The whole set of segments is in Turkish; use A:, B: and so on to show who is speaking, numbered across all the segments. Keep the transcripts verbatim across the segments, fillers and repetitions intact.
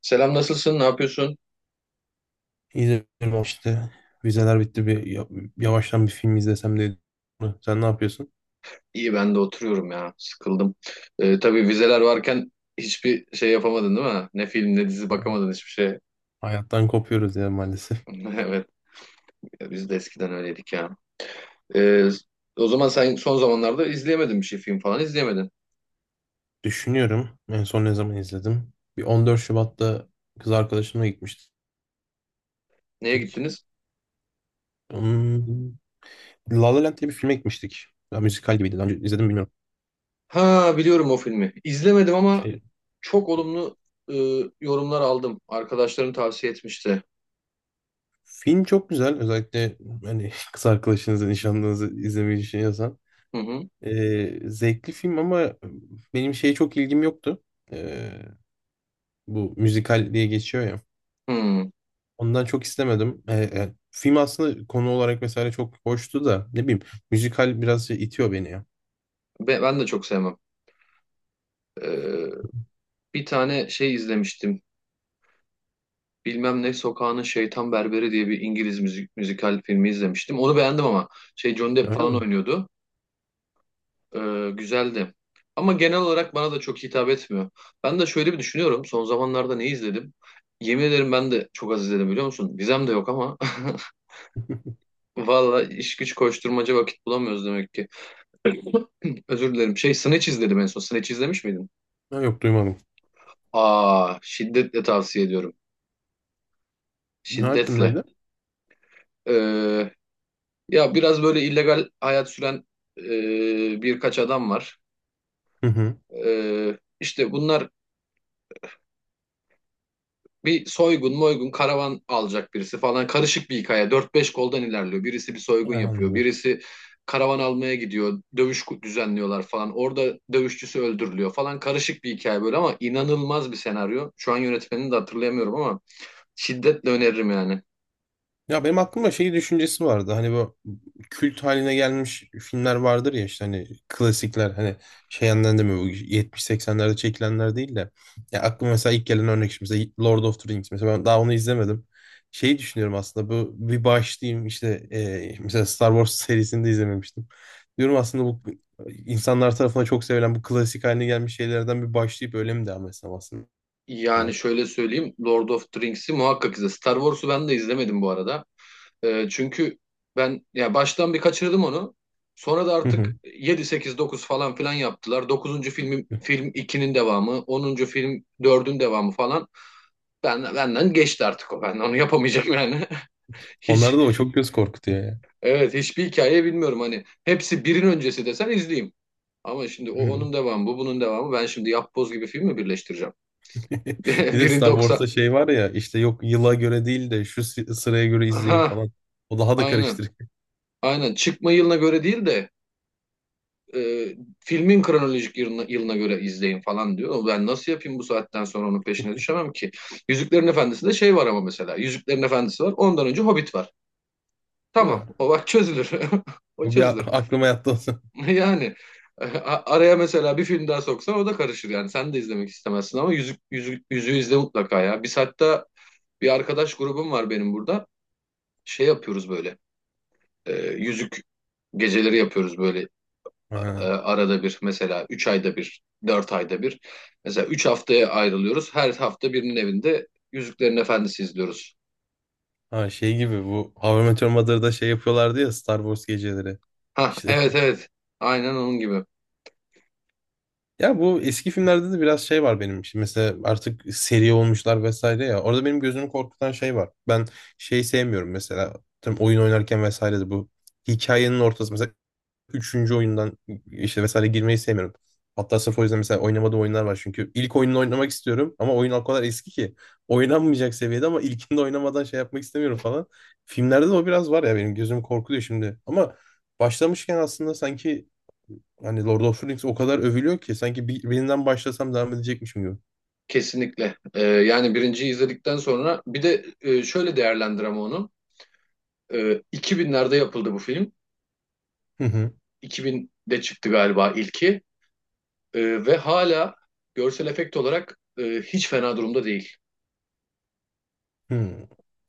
A: Selam, nasılsın? Ne yapıyorsun?
B: İzledim işte. Vizeler bitti, bir ya- yavaştan bir film izlesem de dedim. Sen ne yapıyorsun?
A: İyi, ben de oturuyorum ya. Sıkıldım. Ee, tabii vizeler varken hiçbir şey yapamadın değil mi? Ne film ne dizi
B: Ya,
A: bakamadın hiçbir şey.
B: hayattan kopuyoruz ya maalesef.
A: Evet, biz de eskiden öyleydik ya. Ee, o zaman sen son zamanlarda izleyemedin, bir şey film falan izleyemedin.
B: Düşünüyorum, en son ne zaman izledim? Bir on dört Şubat'ta kız arkadaşımla gitmiştik.
A: Neye gittiniz?
B: Hmm, La La Land diye bir filme gitmiştik. Ya, müzikal gibiydi. Daha önce izledim mi bilmiyorum.
A: Ha, biliyorum o filmi. İzlemedim ama
B: Şey,
A: çok olumlu e, yorumlar aldım. Arkadaşlarım tavsiye etmişti.
B: Film çok güzel. Özellikle hani kız arkadaşınızı, nişanlınızı izlemeyi düşünüyorsan.
A: Hı hı.
B: Ee, zevkli film ama benim şeye çok ilgim yoktu. Ee, Bu müzikal diye geçiyor ya.
A: Hı.
B: Ondan çok istemedim. Ee, e, film aslında konu olarak vesaire çok hoştu da, ne bileyim, müzikal biraz şey itiyor beni ya.
A: Be- Ben de çok sevmem. Ee, bir tane şey izlemiştim. Bilmem ne sokağının şeytan berberi diye bir İngiliz müzik, müzikal filmi izlemiştim. Onu beğendim ama şey, Johnny Depp
B: Öyle
A: falan
B: mi?
A: oynuyordu. Ee, güzeldi. Ama genel olarak bana da çok hitap etmiyor. Ben de şöyle bir düşünüyorum. Son zamanlarda ne izledim? Yemin ederim ben de çok az izledim, biliyor musun? Vizem de yok ama. Valla iş güç koşturmaca, vakit bulamıyoruz demek ki. Özür dilerim. Şey, Snatch izledim en son. Snatch izlemiş miydin?
B: Ha, yok, duymadım.
A: Aa, şiddetle tavsiye ediyorum.
B: Ne
A: Şiddetle.
B: hakkındaydı?
A: Ee, Ya biraz böyle illegal hayat süren e, birkaç adam var.
B: Hı hı.
A: E, işte bunlar bir soygun moygun, karavan alacak birisi falan. Karışık bir hikaye. Dört beş koldan ilerliyor. Birisi bir soygun
B: Ha,
A: yapıyor.
B: anladım.
A: Birisi karavan almaya gidiyor. Dövüş ku- düzenliyorlar falan. Orada dövüşçüsü öldürülüyor falan. Karışık bir hikaye böyle ama inanılmaz bir senaryo. Şu an yönetmenini de hatırlayamıyorum ama şiddetle öneririm yani.
B: Ya benim aklımda şey düşüncesi vardı. Hani bu kült haline gelmiş filmler vardır ya, işte hani klasikler, hani şey yandan demiyor, bu yetmiş seksenlerde çekilenler değil de. Ya aklıma mesela ilk gelen örnek, şimdi mesela Lord of the Rings, mesela ben daha onu izlemedim. Şeyi düşünüyorum aslında, bu bir başlayayım, işte e, mesela Star Wars serisini de izlememiştim. Diyorum aslında bu insanlar tarafından çok sevilen, bu klasik haline gelmiş şeylerden bir başlayıp öyle mi devam etsem aslında?
A: Yani şöyle söyleyeyim, Lord of the Rings'i muhakkak izle. Star Wars'u ben de izlemedim bu arada. Ee, çünkü ben ya baştan bir kaçırdım onu. Sonra da artık
B: Hı.
A: yedi sekiz dokuz falan filan yaptılar. Dokuzuncu film film ikinin devamı, onuncu film dördün devamı falan. Ben, benden geçti artık o. Ben onu yapamayacağım yani. Hiç,
B: Onlarda da o çok göz korkutuyor
A: evet, hiçbir hikaye bilmiyorum hani. Hepsi birin öncesi desen izleyeyim. Ama şimdi o onun
B: ya.
A: devamı, bu bunun devamı. Ben şimdi yapboz gibi film mi birleştireceğim?
B: Bir de
A: Birin
B: Star
A: doksan.
B: Wars'ta şey var ya, işte yok yıla göre değil de şu sı- sıraya göre izleyin
A: Aha,
B: falan. O daha da
A: aynen.
B: karıştırıyor.
A: Aynen. Çıkma yılına göre değil de e, filmin kronolojik yılına, yılına göre izleyin falan diyor. Ben nasıl yapayım, bu saatten sonra onun peşine düşemem ki. Yüzüklerin Efendisi'nde şey var ama mesela. Yüzüklerin Efendisi var. Ondan önce Hobbit var. Tamam.
B: Ha.
A: O bak çözülür. O
B: O bir a-
A: çözülür.
B: aklıma yattı o zaman.
A: Yani e, araya mesela bir film daha soksan o da karışır yani. Sen de izlemek istemezsin ama yüzük, yüzük, yüzüğü izle mutlaka ya. Biz hatta bir arkadaş grubum var benim burada. Şey yapıyoruz böyle. E, yüzük geceleri yapıyoruz böyle, e,
B: Ha.
A: arada bir mesela üç ayda bir, dört ayda bir. Mesela üç haftaya ayrılıyoruz. Her hafta birinin evinde Yüzüklerin Efendisi izliyoruz.
B: Ha, şey gibi, bu How I Met Your Mother'da şey yapıyorlardı ya, Star Wars geceleri.
A: Ha,
B: İşte
A: evet, evet. Aynen onun gibi.
B: ya bu eski filmlerde de biraz şey var benim için. Mesela artık seri olmuşlar vesaire ya. Orada benim gözümü korkutan şey var. Ben şey sevmiyorum mesela. Tam oyun oynarken vesaire de bu hikayenin ortası, mesela üçüncü oyundan işte vesaire girmeyi sevmiyorum. Hatta sırf o yüzden mesela oynamadığım oyunlar var çünkü. İlk oyununu oynamak istiyorum ama oyun o kadar eski ki. Oynanmayacak seviyede, ama ilkinde oynamadan şey yapmak istemiyorum falan. Filmlerde de o biraz var ya, benim gözüm korkuluyor şimdi. Ama başlamışken aslında sanki hani Lord of the Rings o kadar övülüyor ki sanki bir, birinden başlasam devam edecekmişim gibi.
A: Kesinlikle. E, yani birinciyi izledikten sonra bir de e, şöyle değerlendirem onu. E, iki binlerde yapıldı bu film.
B: Hı hı.
A: iki binde çıktı galiba ilki. E, ve hala görsel efekt olarak e, hiç fena durumda değil.
B: Hı.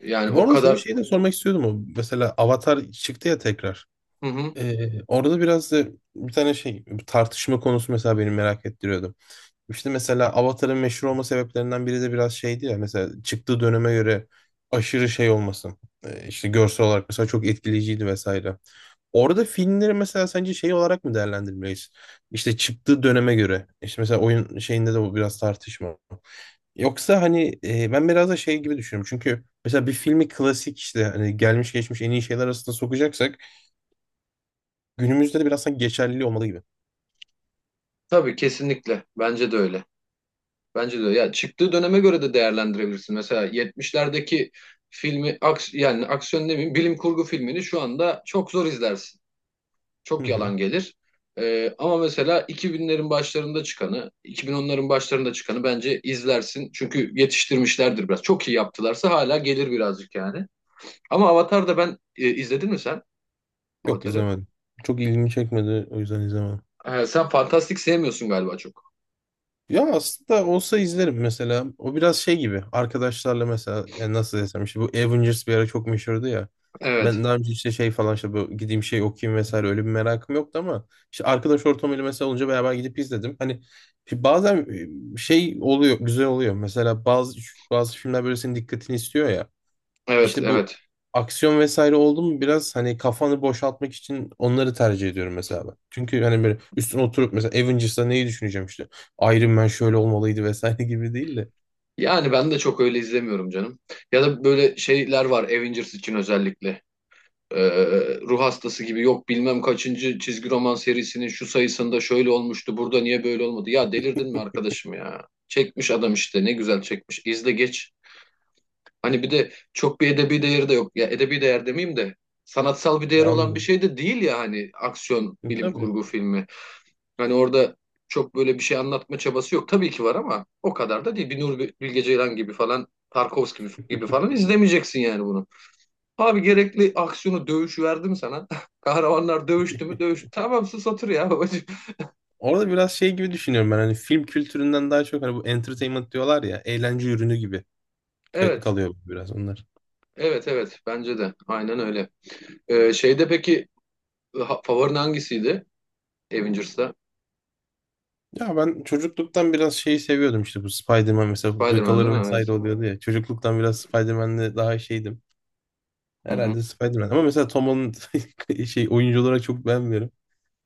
A: Yani
B: E, Bu
A: o
B: arada sana
A: kadar...
B: şey de sormak istiyordum. O. Mesela Avatar çıktı ya tekrar.
A: Hı hı.
B: Ee, orada biraz da bir tane şey tartışma konusu mesela beni merak ettiriyordu. İşte mesela Avatar'ın meşhur olma sebeplerinden biri de biraz şeydi ya, mesela çıktığı döneme göre aşırı şey olması. Ee, işte görsel olarak mesela çok etkileyiciydi vesaire. Orada filmleri mesela sence şey olarak mı değerlendirmeliyiz? İşte çıktığı döneme göre. İşte mesela oyun şeyinde de bu biraz tartışma. Yoksa hani e, ben biraz da şey gibi düşünüyorum. Çünkü mesela bir filmi klasik, işte hani gelmiş geçmiş en iyi şeyler arasında sokacaksak, günümüzde de biraz sanki geçerliliği olmalı gibi.
A: Tabii, kesinlikle. Bence de öyle. Bence de ya, çıktığı döneme göre de değerlendirebilirsin. Mesela yetmişlerdeki filmi, aks yani aksiyon ne bileyim bilim kurgu filmini şu anda çok zor izlersin.
B: Hı
A: Çok
B: hı.
A: yalan gelir. Ee, ama mesela iki binlerin başlarında çıkanı, iki bin onların başlarında çıkanı bence izlersin. Çünkü yetiştirmişlerdir biraz. Çok iyi yaptılarsa hala gelir birazcık yani. Ama Avatar'da ben e, izledin mi sen
B: Yok,
A: Avatar'ı?
B: izlemedim. Çok ilgimi çekmedi, o yüzden izlemedim.
A: Ee, sen fantastik sevmiyorsun galiba çok.
B: Ya aslında olsa izlerim mesela. O biraz şey gibi. Arkadaşlarla mesela, e, nasıl desem, işte bu Avengers bir ara çok meşhurdu ya.
A: Evet.
B: Ben daha önce işte şey falan, işte bu gideyim şey okuyayım vesaire, öyle bir merakım yoktu ama işte arkadaş ortamıyla mesela olunca beraber gidip izledim. Hani işte bazen e, şey oluyor, güzel oluyor. Mesela bazı bazı filmler böyle senin dikkatini istiyor ya.
A: Evet,
B: İşte bu
A: evet.
B: aksiyon vesaire oldu mu, biraz hani kafanı boşaltmak için onları tercih ediyorum mesela ben. Çünkü hani böyle üstüne oturup mesela Avengers'ta neyi düşüneceğim işte. Iron Man şöyle olmalıydı vesaire gibi değil de.
A: Yani ben de çok öyle izlemiyorum canım. Ya da böyle şeyler var Avengers için özellikle. Ee, ruh hastası gibi, yok bilmem kaçıncı çizgi roman serisinin şu sayısında şöyle olmuştu, burada niye böyle olmadı. Ya, delirdin mi arkadaşım ya? Çekmiş adam işte, ne güzel çekmiş. İzle geç. Hani bir de çok bir edebi değeri de yok. Ya edebi değer demeyeyim de sanatsal bir
B: E,
A: değeri olan bir
B: Anladım.
A: şey de değil ya, hani aksiyon
B: E,
A: bilim
B: Tabii.
A: kurgu filmi. Hani orada çok böyle bir şey anlatma çabası yok. Tabii ki var ama o kadar da değil. Bir Nuri Bilge Ceylan gibi falan, Tarkovski gibi, gibi falan izlemeyeceksin yani bunu. Abi, gerekli aksiyonu, dövüş verdim sana. Kahramanlar dövüştü mü? Dövüş. Tamam, sus otur ya babacığım.
B: Orada biraz şey gibi düşünüyorum ben, hani film kültüründen daha çok, hani bu entertainment diyorlar ya, eğlence ürünü gibi ka-
A: Evet,
B: kalıyor biraz onlar.
A: evet, evet. Bence de. Aynen öyle. Ee, şeyde peki ha- favorin hangisiydi? Avengers'ta.
B: Ya ben çocukluktan biraz şeyi seviyordum, işte bu Spider-Man, mesela bu
A: Spider-Man değil
B: hırkaları
A: mi? Evet.
B: vesaire oluyordu ya. Çocukluktan biraz Spider-Man'le daha şeydim.
A: Hı hı.
B: Herhalde Spider-Man. Ama mesela Tom Holland şey, oyuncu olarak çok beğenmiyorum.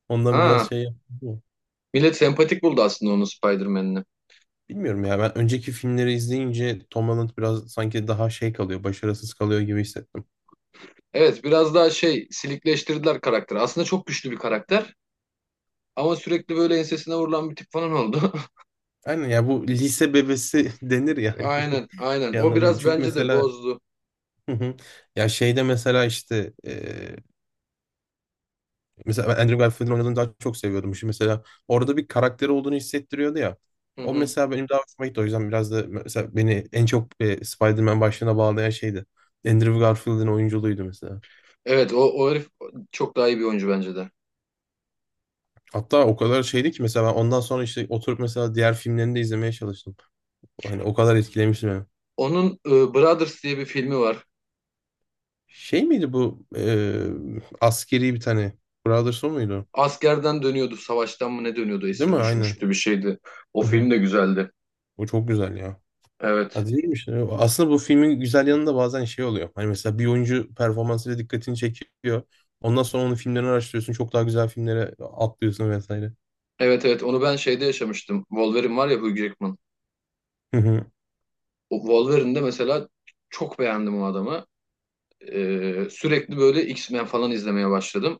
B: Ondan biraz
A: Ha,
B: şey yaptım.
A: millet sempatik buldu aslında onu, Spider-Man'ini.
B: Bilmiyorum ya, ben önceki filmleri izleyince Tom Holland biraz sanki daha şey kalıyor, başarısız kalıyor gibi hissettim.
A: Evet, biraz daha şey, silikleştirdiler karakteri. Aslında çok güçlü bir karakter. Ama sürekli böyle ensesine vurulan bir tip falan oldu.
B: Aynen ya, bu lise bebesi denir yani.
A: Aynen, aynen.
B: Bir
A: O
B: anlamda.
A: biraz
B: Çünkü
A: bence de
B: mesela
A: bozdu.
B: hı hı. Ya şeyde mesela işte, mesela ben Andrew Garfield'in oynadığını daha çok seviyordum. Şimdi mesela orada bir karakteri olduğunu hissettiriyordu ya.
A: Hı
B: O
A: hı.
B: mesela benim daha hoşuma gitti. O yüzden biraz da mesela beni en çok e, Spider-Man başlığına bağlayan şeydi. Andrew Garfield'in oyunculuğuydu mesela.
A: Evet, o, o herif çok daha iyi bir oyuncu bence de.
B: Hatta o kadar şeydi ki mesela ben ondan sonra işte oturup mesela diğer filmlerini de izlemeye çalıştım. Hani o kadar etkilemişti beni.
A: Onun e, Brothers diye bir filmi var.
B: Şey miydi bu e, askeri bir tane, Brothers o muydu?
A: Askerden dönüyordu, savaştan mı ne dönüyordu,
B: Değil mi?
A: esir
B: Aynen.
A: düşmüştü bir şeydi. O
B: Hı hı.
A: film de güzeldi.
B: O çok güzel ya.
A: Evet.
B: Hadi diyorum işte. Aslında bu filmin güzel yanında bazen şey oluyor. Hani mesela bir oyuncu performansıyla dikkatini çekiyor. Ondan sonra onun filmlerini araştırıyorsun. Çok daha güzel filmlere atlıyorsun vesaire.
A: Evet, evet, onu ben şeyde yaşamıştım. Wolverine var ya, Hugh Jackman.
B: Hı hı.
A: O Wolverine'de mesela çok beğendim o adamı. E, sürekli böyle X-Men falan izlemeye başladım.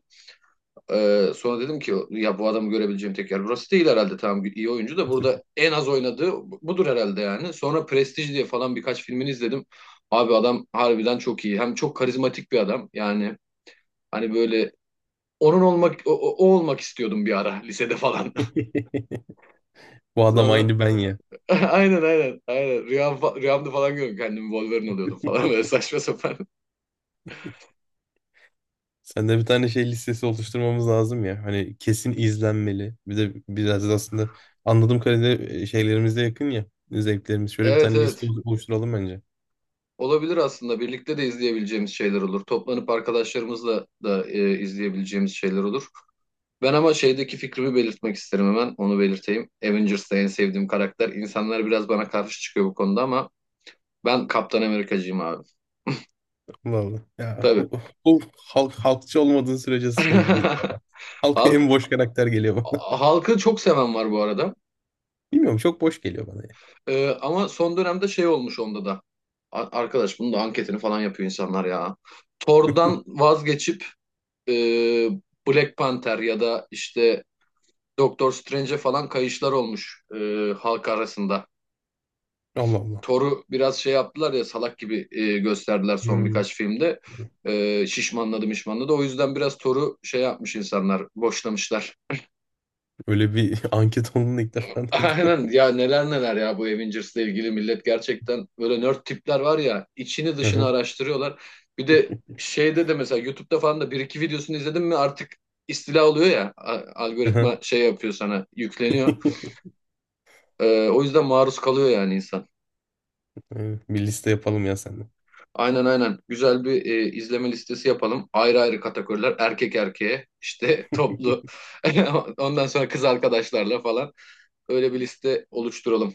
A: Ee, sonra dedim ki ya bu adamı görebileceğim tek yer burası değil herhalde, tamam iyi oyuncu da burada en az oynadığı budur herhalde yani. Sonra Prestige diye falan birkaç filmini izledim. Abi adam harbiden çok iyi. Hem çok karizmatik bir adam. Yani hani böyle onun olmak o, o- o olmak istiyordum bir ara lisede falan.
B: Bu adam
A: Sonra
B: aynı ben ya.
A: aynen, aynen, aynen, rüyam, fa- rüyamda falan görüyorum kendimi, Wolverine oluyordum falan, böyle saçma sapan.
B: Sen de bir tane şey listesi oluşturmamız lazım ya. Hani kesin izlenmeli. Bir de biraz da aslında, anladığım kadarıyla e, şeylerimize yakın ya. Zevklerimiz. Şöyle bir
A: Evet,
B: tane liste
A: evet.
B: olu- oluşturalım bence.
A: Olabilir aslında. Birlikte de izleyebileceğimiz şeyler olur. Toplanıp arkadaşlarımızla da e, izleyebileceğimiz şeyler olur. Ben ama şeydeki fikrimi belirtmek isterim hemen. Onu belirteyim. Avengers'ta en sevdiğim karakter. İnsanlar biraz bana karşı çıkıyor bu konuda ama ben Kaptan Amerikacıyım abi.
B: Vallahi. Ya
A: Tabii.
B: hu- hu- halk, halkçı olmadığın sürece sıkıntı değil. Halka
A: Halk,
B: en boş karakter geliyor.
A: halkı çok seven var bu arada.
B: Bilmiyorum, çok boş geliyor bana ya.
A: Ee, ama son dönemde şey olmuş onda da. A- Arkadaş bunun da anketini falan yapıyor insanlar ya. Thor'dan vazgeçip e, Black Panther ya da işte Doctor Strange'e falan kayışlar olmuş e, halk arasında.
B: Allah Allah.
A: Thor'u biraz şey yaptılar ya, salak gibi e, gösterdiler son
B: Hmm.
A: birkaç filmde. E, şişmanladı mişmanladı. O yüzden biraz Thor'u şey yapmış insanlar, boşlamışlar.
B: Öyle bir anket olduğunu ilk defa duydum.
A: Aynen ya, neler neler ya, bu Avengers'le ilgili millet gerçekten böyle nerd tipler var ya, içini
B: Hı
A: dışını
B: hı.
A: araştırıyorlar. Bir de şeyde de mesela YouTube'da falan da bir iki videosunu izledim mi artık istila oluyor ya, a- algoritma şey yapıyor, sana yükleniyor. E, o yüzden maruz kalıyor yani insan.
B: Evet, bir liste yapalım ya seninle.
A: Aynen, aynen. Güzel bir e, izleme listesi yapalım. Ayrı ayrı kategoriler. Erkek erkeğe, işte, toplu. Ondan sonra kız arkadaşlarla falan. Öyle bir liste oluşturalım.